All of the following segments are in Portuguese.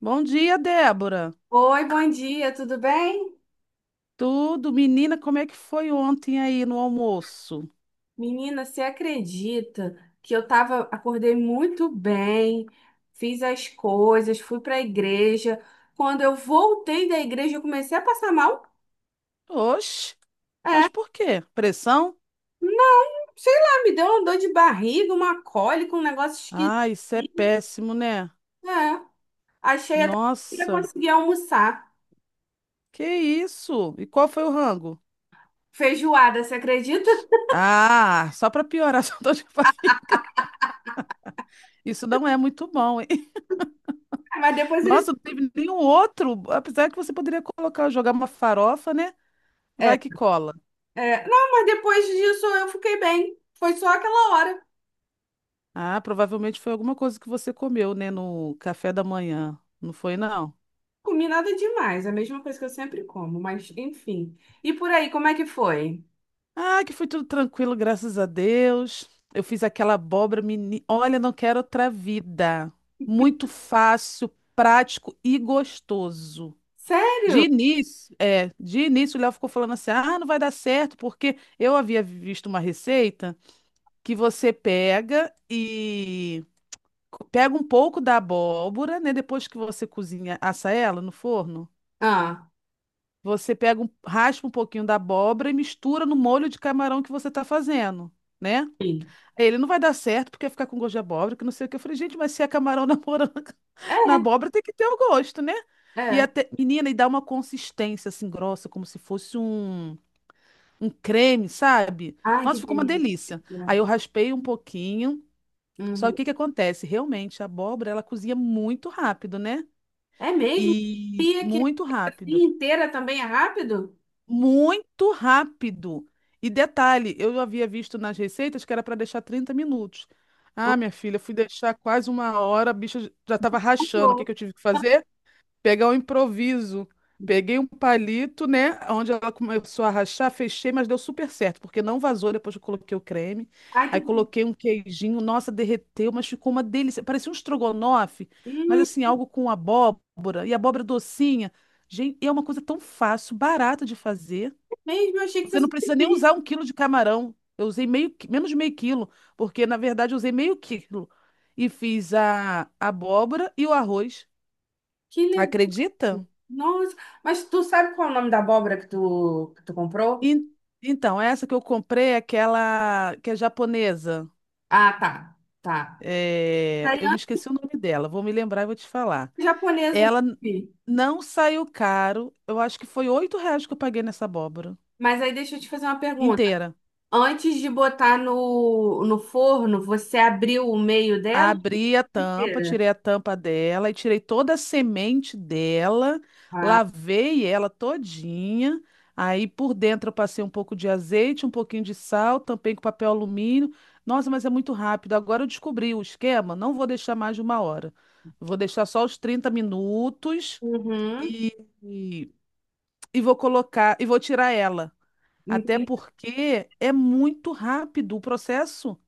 Bom dia, Débora. Oi, bom dia, tudo bem? Tudo, menina, como é que foi ontem aí no almoço? Menina, você acredita que acordei muito bem, fiz as coisas, fui para a igreja. Quando eu voltei da igreja, eu comecei a passar mal. Oxe, mas É, por quê? Pressão? não, sei lá, me deu uma dor de barriga, uma cólica, um negócio esquisito. Ah, isso é péssimo, né? É, achei até que eu ia Nossa, conseguir almoçar. que isso? E qual foi o rango? Feijoada, você acredita? Ah, só para piorar, só tô te falando. Isso não é muito bom, hein? Mas depois eles. Nossa, não teve nenhum outro, apesar que você poderia colocar, jogar uma farofa, né? É, Vai que cola. Não, mas depois disso eu fiquei bem. Foi só aquela hora. Ah, provavelmente foi alguma coisa que você comeu, né, no café da manhã. Não foi, não? Comi nada demais, é a mesma coisa que eu sempre como, mas enfim. E por aí, como é que foi? Ah, que foi tudo tranquilo, graças a Deus. Eu fiz aquela abóbora, menina. Olha, não quero outra vida. Muito fácil, prático e gostoso. De Sério? início, é, de início o Léo ficou falando assim: "Ah, não vai dar certo", porque eu havia visto uma receita que você pega e pega um pouco da abóbora, né, depois que você cozinha, assa ela no forno, Ah, você pega um, raspa um pouquinho da abóbora e mistura no molho de camarão que você está fazendo, né? sim. É, ele não vai dar certo porque ficar com gosto de abóbora, que não sei o que. Eu falei, gente, mas se é camarão na moranga, na abóbora, tem que ter o gosto, né? É, E é. até, menina, e dá uma consistência assim grossa, como se fosse um creme, sabe? Ai, que Nossa, ficou uma delícia. delícia. Aí eu raspei um pouquinho. Só que o Uhum. que que acontece? Realmente, a abóbora, ela cozinha muito rápido, né? É mesmo? E Pia que muito a rápido. pia inteira também é rápido? Muito rápido. E detalhe, eu havia visto nas receitas que era para deixar 30 minutos. Ah, minha filha, fui deixar quase uma hora, a bicha já estava rachando. O que Uhum. que eu tive que fazer? Pegar um improviso. Peguei um palito, né? Onde ela começou a rachar, fechei, mas deu super certo, porque não vazou depois que eu coloquei o creme. Ai, que... Aí coloquei um queijinho, nossa, derreteu, mas ficou uma delícia. Parecia um estrogonofe, mas Hum, assim, algo com abóbora, e abóbora docinha. Gente, e é uma coisa tão fácil, barata de fazer. é mesmo, eu achei que Você não fosse precisa nem usar difícil. um quilo de camarão. Eu usei meio, menos de meio quilo, porque na verdade eu usei meio quilo. E fiz a abóbora e o arroz. Que legal. Acredita? Nossa, mas tu sabe qual é o nome da abóbora que tu comprou? En- Então, essa que eu comprei é aquela que é japonesa. Ah, tá, tá. É, Aí, eu me antes esqueci o nome dela, vou me lembrar e vou te falar. japonesa, eu não Ela n- não saiu caro, eu acho que foi R$ 8 que eu paguei nessa abóbora mas aí deixa eu te fazer uma pergunta. inteira. Antes de botar no forno, você abriu o meio dela Abri a tampa, inteira? tirei a tampa dela e tirei toda a semente dela, Ah, lavei ela todinha. Aí por dentro eu passei um pouco de azeite, um pouquinho de sal, tampei com papel alumínio. Nossa, mas é muito rápido. Agora eu descobri o esquema, não vou deixar mais de uma hora. Vou deixar só os 30 minutos uhum. e, e, e vou colocar, e vou tirar ela. Até Entendi. porque é muito rápido o processo.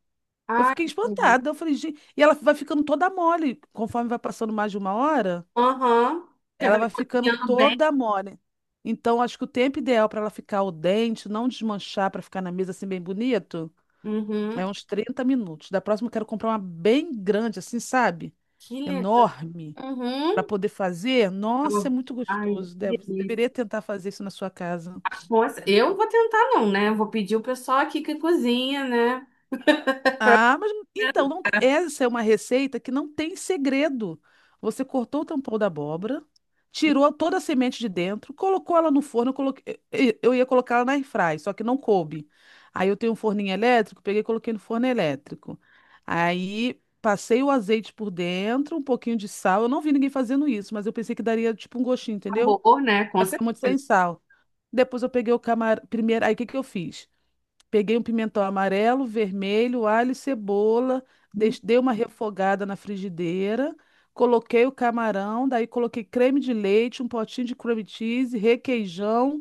Eu Ah, fiquei entendi. espantada. Eu falei, gente. E ela vai ficando toda mole. Conforme vai passando mais de uma hora, Aham. Porque ela vai vai ficando cozinhando bem. toda mole. Então, acho que o tempo ideal para ela ficar o dente, não desmanchar, para ficar na mesa assim bem bonito, Uhum. é uns 30 minutos. Da próxima, eu quero comprar uma bem grande, assim, sabe? Que legal. Enorme. Para Uhum. poder fazer. Nossa, é Oh, muito ai, gostoso, que Débora. Você deveria delícia. tentar fazer isso na sua casa. Nossa, eu vou tentar não, né? Eu vou pedir o pessoal aqui que cozinha, né? Ah, mas então, não- essa é uma receita que não tem segredo. Você cortou o tampão da abóbora, tirou toda a semente de dentro, colocou ela no forno. Eu ia colocar ela na airfry, só que não coube. Aí eu tenho um forninho elétrico, peguei e coloquei no forno elétrico. Aí passei o azeite por dentro, um pouquinho de sal. Eu não vi ninguém fazendo isso, mas eu pensei que daria tipo um gostinho, entendeu? Sabor, né? Com Vai ficar muito certeza. sem sal. Depois eu peguei o camarão. Primeiro, aí o que que eu fiz? Peguei um pimentão amarelo, vermelho, alho e cebola, Hum, dei uma refogada na frigideira, coloquei o camarão, daí coloquei creme de leite, um potinho de creme cheese, requeijão,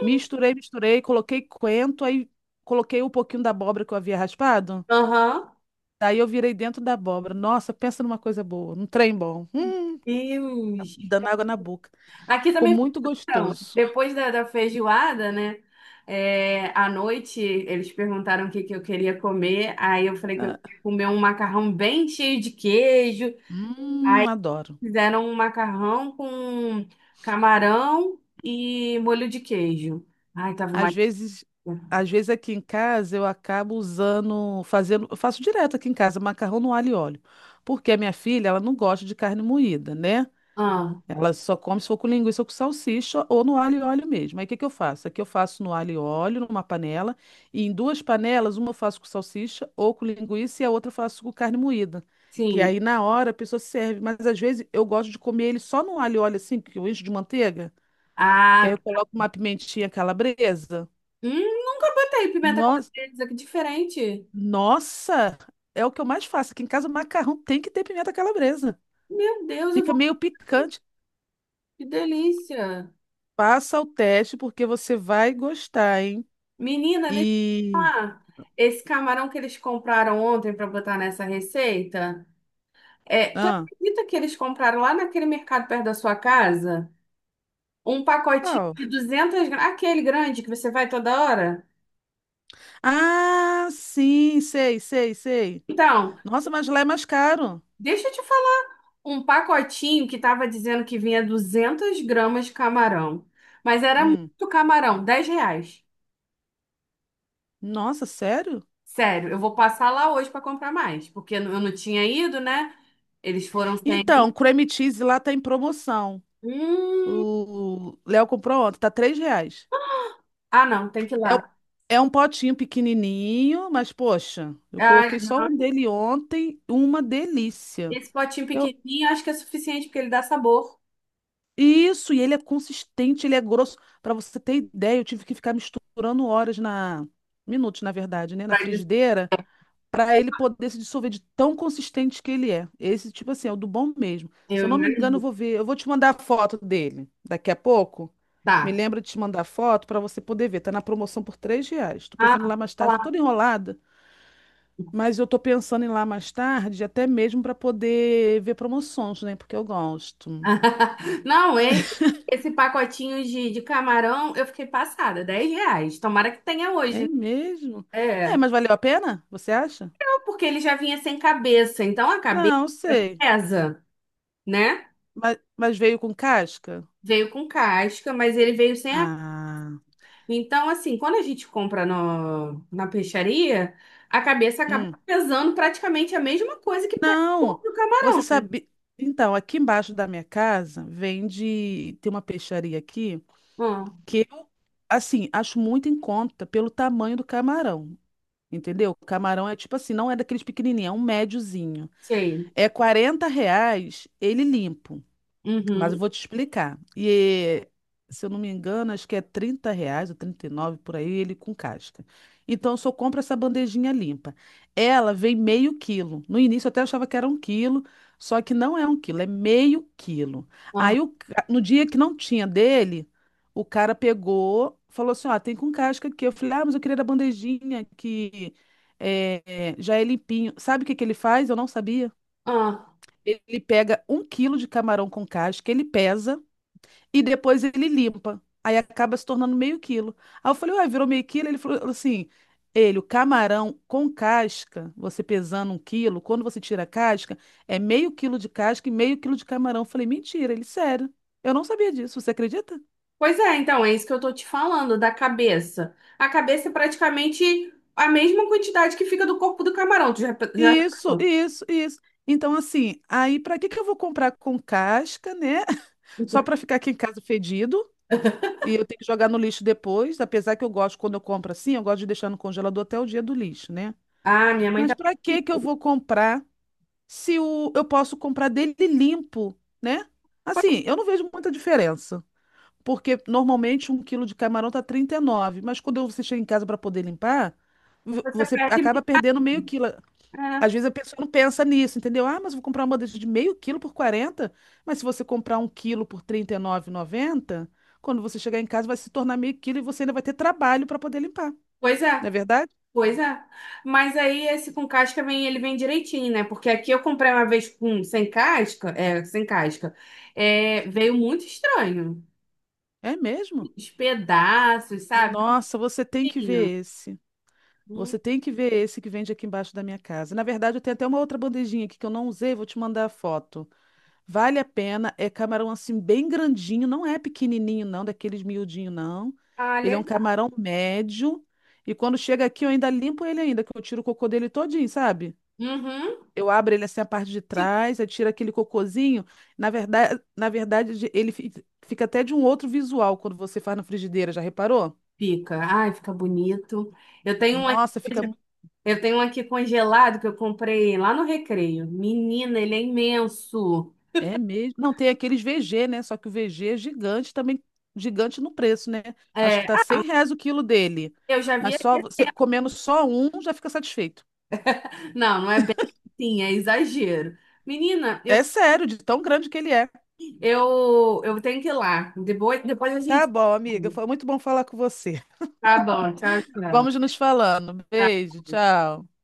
misturei, misturei, coloquei coentro, aí coloquei um pouquinho da abóbora que eu havia raspado. aham. Daí eu virei dentro da abóbora. Nossa, pensa numa coisa boa, num trem bom. Deus. Dando água na boca. Aqui Ficou também muito então, gostoso. depois da feijoada, né? É, à noite eles perguntaram que eu queria comer. Aí eu falei que eu Ah, queria comer um macarrão bem cheio de queijo. Adoro. Fizeram um macarrão com camarão e molho de queijo. Ai, tava uma. Às vezes, às vezes aqui em casa eu acabo usando, fazendo, eu faço direto aqui em casa, macarrão no alho e óleo, porque a minha filha, ela não gosta de carne moída, né? Ah, Ela só come se for com linguiça ou com salsicha ou no alho e óleo mesmo. Aí o que que eu faço? Aqui eu faço no alho e óleo, numa panela, e em duas panelas, uma eu faço com salsicha ou com linguiça e a outra eu faço com carne moída. Que sim. aí na hora a pessoa serve, mas às vezes eu gosto de comer ele só no alho e óleo assim, que eu encho de manteiga, que aí Ah, eu coloco uma pimentinha calabresa. Nunca botei pimenta No- calabresa, que diferente. Nossa, é o que eu mais faço. Aqui em casa, o macarrão tem que ter pimenta calabresa. Meu Deus, eu Fica vou. meio picante. Que delícia! Passa o teste, porque você vai gostar, hein? Menina, deixa eu te E. falar. Esse camarão que eles compraram ontem para botar nessa receita, é, tu Ah, acredita que eles compraram lá naquele mercado perto da sua casa? Um pacotinho qual? de 200 gramas, aquele grande que você vai toda hora? Ah, sim, sei, sei, sei. Então, Nossa, mas lá é mais caro. deixa eu te falar. Um pacotinho que tava dizendo que vinha 200 gramas de camarão, mas era Hum. muito camarão, R$ 10. Nossa, sério? Sério, eu vou passar lá hoje para comprar mais, porque eu não tinha ido, né? Eles foram sem Então, mim. creme cheese lá tá em promoção. Hum. O Léo comprou ontem, tá R$ 3. Ah, não, tem que ir É, lá. é um potinho pequenininho, mas poxa, eu Ah, coloquei só um dele ontem, uma delícia. esse potinho Eu, pequenininho acho que é suficiente porque ele dá sabor. isso, e ele é consistente, ele é grosso. Para você ter ideia, eu tive que ficar misturando horas na, minutos, na verdade, né, na Pra dizer, frigideira, para ele poder se dissolver de tão consistente que ele é. Esse tipo assim, é o do bom mesmo. Se eu eu não me engano, imagino. eu vou ver, eu vou te mandar a foto dele daqui a pouco. Tá. Me lembra de te mandar a foto para você poder ver. Tá na promoção por R$ 3. Tô pensando em ir Ah, lá mais tá tarde, tô lá. toda enrolada. Mas eu tô pensando em ir lá mais tarde, até mesmo para poder ver promoções, né? Porque eu gosto. Não, esse pacotinho de camarão eu fiquei passada, R$ 10. Tomara que tenha hoje. É Né? mesmo? É, É. mas valeu a pena? Você acha? Não, porque ele já vinha sem cabeça, então a cabeça Não, sei. pesa, né? Mas veio com casca? Veio com casca, mas ele veio sem a... Ah, Então, assim, quando a gente compra no, na peixaria, a cabeça acaba hum. pesando praticamente a mesma coisa que pesa o corpo Não, do você sabe. Então, aqui embaixo da minha casa vende. Tem uma peixaria aqui ah, que eu, assim, acho muito em conta pelo tamanho do camarão. Entendeu? O camarão é tipo assim, não é daqueles pequenininhos, é um médiozinho. sei. É R$ 40 ele limpo, mas eu Uhum. vou te explicar. E se eu não me engano, acho que é R$ 30 ou 39 por aí, ele com casca. Então eu só compro essa bandejinha limpa. Ela vem meio quilo. No início eu até achava que era um quilo, só que não é um quilo, é meio quilo. Ah, No dia que não tinha dele, o cara pegou, falou assim: ó, tem com casca aqui. Eu falei: ah, mas eu queria da bandejinha que é, é, já é limpinho. Sabe o que que ele faz? Eu não sabia. ah. Ele pega um quilo de camarão com casca, ele pesa e depois ele limpa. Aí acaba se tornando meio quilo. Aí eu falei, ué, virou meio quilo? Ele falou assim, ele, o camarão com casca, você pesando um quilo, quando você tira a casca, é meio quilo de casca e meio quilo de camarão. Eu falei, mentira, ele, sério. Eu não sabia disso, você acredita? Pois é, então, é isso que eu tô te falando, da cabeça. A cabeça é praticamente a mesma quantidade que fica do corpo do camarão. Tu já... Isso, isso, isso. Então, assim, aí pra que que eu vou comprar com casca, né? Só pra ficar aqui em casa fedido? E eu tenho que jogar no lixo depois, apesar que eu gosto, quando eu compro assim, eu gosto de deixar no congelador até o dia do lixo, né? Ah, minha mãe Mas tá. para que que eu vou comprar se o, eu posso comprar dele limpo, né? Assim, eu não vejo muita diferença, porque normalmente um quilo de camarão tá 39, mas quando você chega em casa para poder limpar, Você você perde. acaba perdendo meio quilo. É, Às vezes a pessoa não pensa nisso, entendeu? Ah, mas eu vou comprar uma bandeja de meio quilo por 40, mas se você comprar um quilo por 39,90, quando você chegar em casa vai se tornar meio quilo e você ainda vai ter trabalho para poder limpar. pois é, Não é verdade? pois é. Mas aí esse com casca vem, ele vem direitinho, né? Porque aqui eu comprei uma vez com sem casca, é, sem casca. É, veio muito estranho. É mesmo? Os pedaços, sabe? Nossa, você tem que Tinha. ver esse. Hum, Você tem que ver esse que vende aqui embaixo da minha casa. Na verdade, eu tenho até uma outra bandejinha aqui que eu não usei, vou te mandar a foto. Vale a pena. É camarão assim bem grandinho, não é pequenininho não, daqueles miudinho não. Ah, Ele é um legal. camarão médio e quando chega aqui eu ainda limpo ele ainda, que eu tiro o cocô dele todinho, sabe? Uhum. Eu abro ele assim a parte de trás, aí tira aquele cocôzinho. Na verdade, ele fica até de um outro visual quando você faz na frigideira, já reparou? Fica, ai, fica bonito. Eu tenho um, aqui- Nossa, fica eu tenho um aqui congelado que eu comprei lá no Recreio. Menina, ele é imenso. É mesmo. Não, tem aqueles VG, né? Só que o VG é gigante também, gigante no preço, né? Acho que É, tá ah, R$ 100 o quilo dele. eu já Mas vi. só você comendo só um já fica satisfeito. Não, não é bem assim, é exagero. Menina, É eu, sério, de tão grande que ele é. Eu tenho que ir lá. Depois a Tá gente. bom, amiga. Foi muito bom falar com você. Tá bom, tchau, Vamos nos falando. Beijo, tchau. tchau.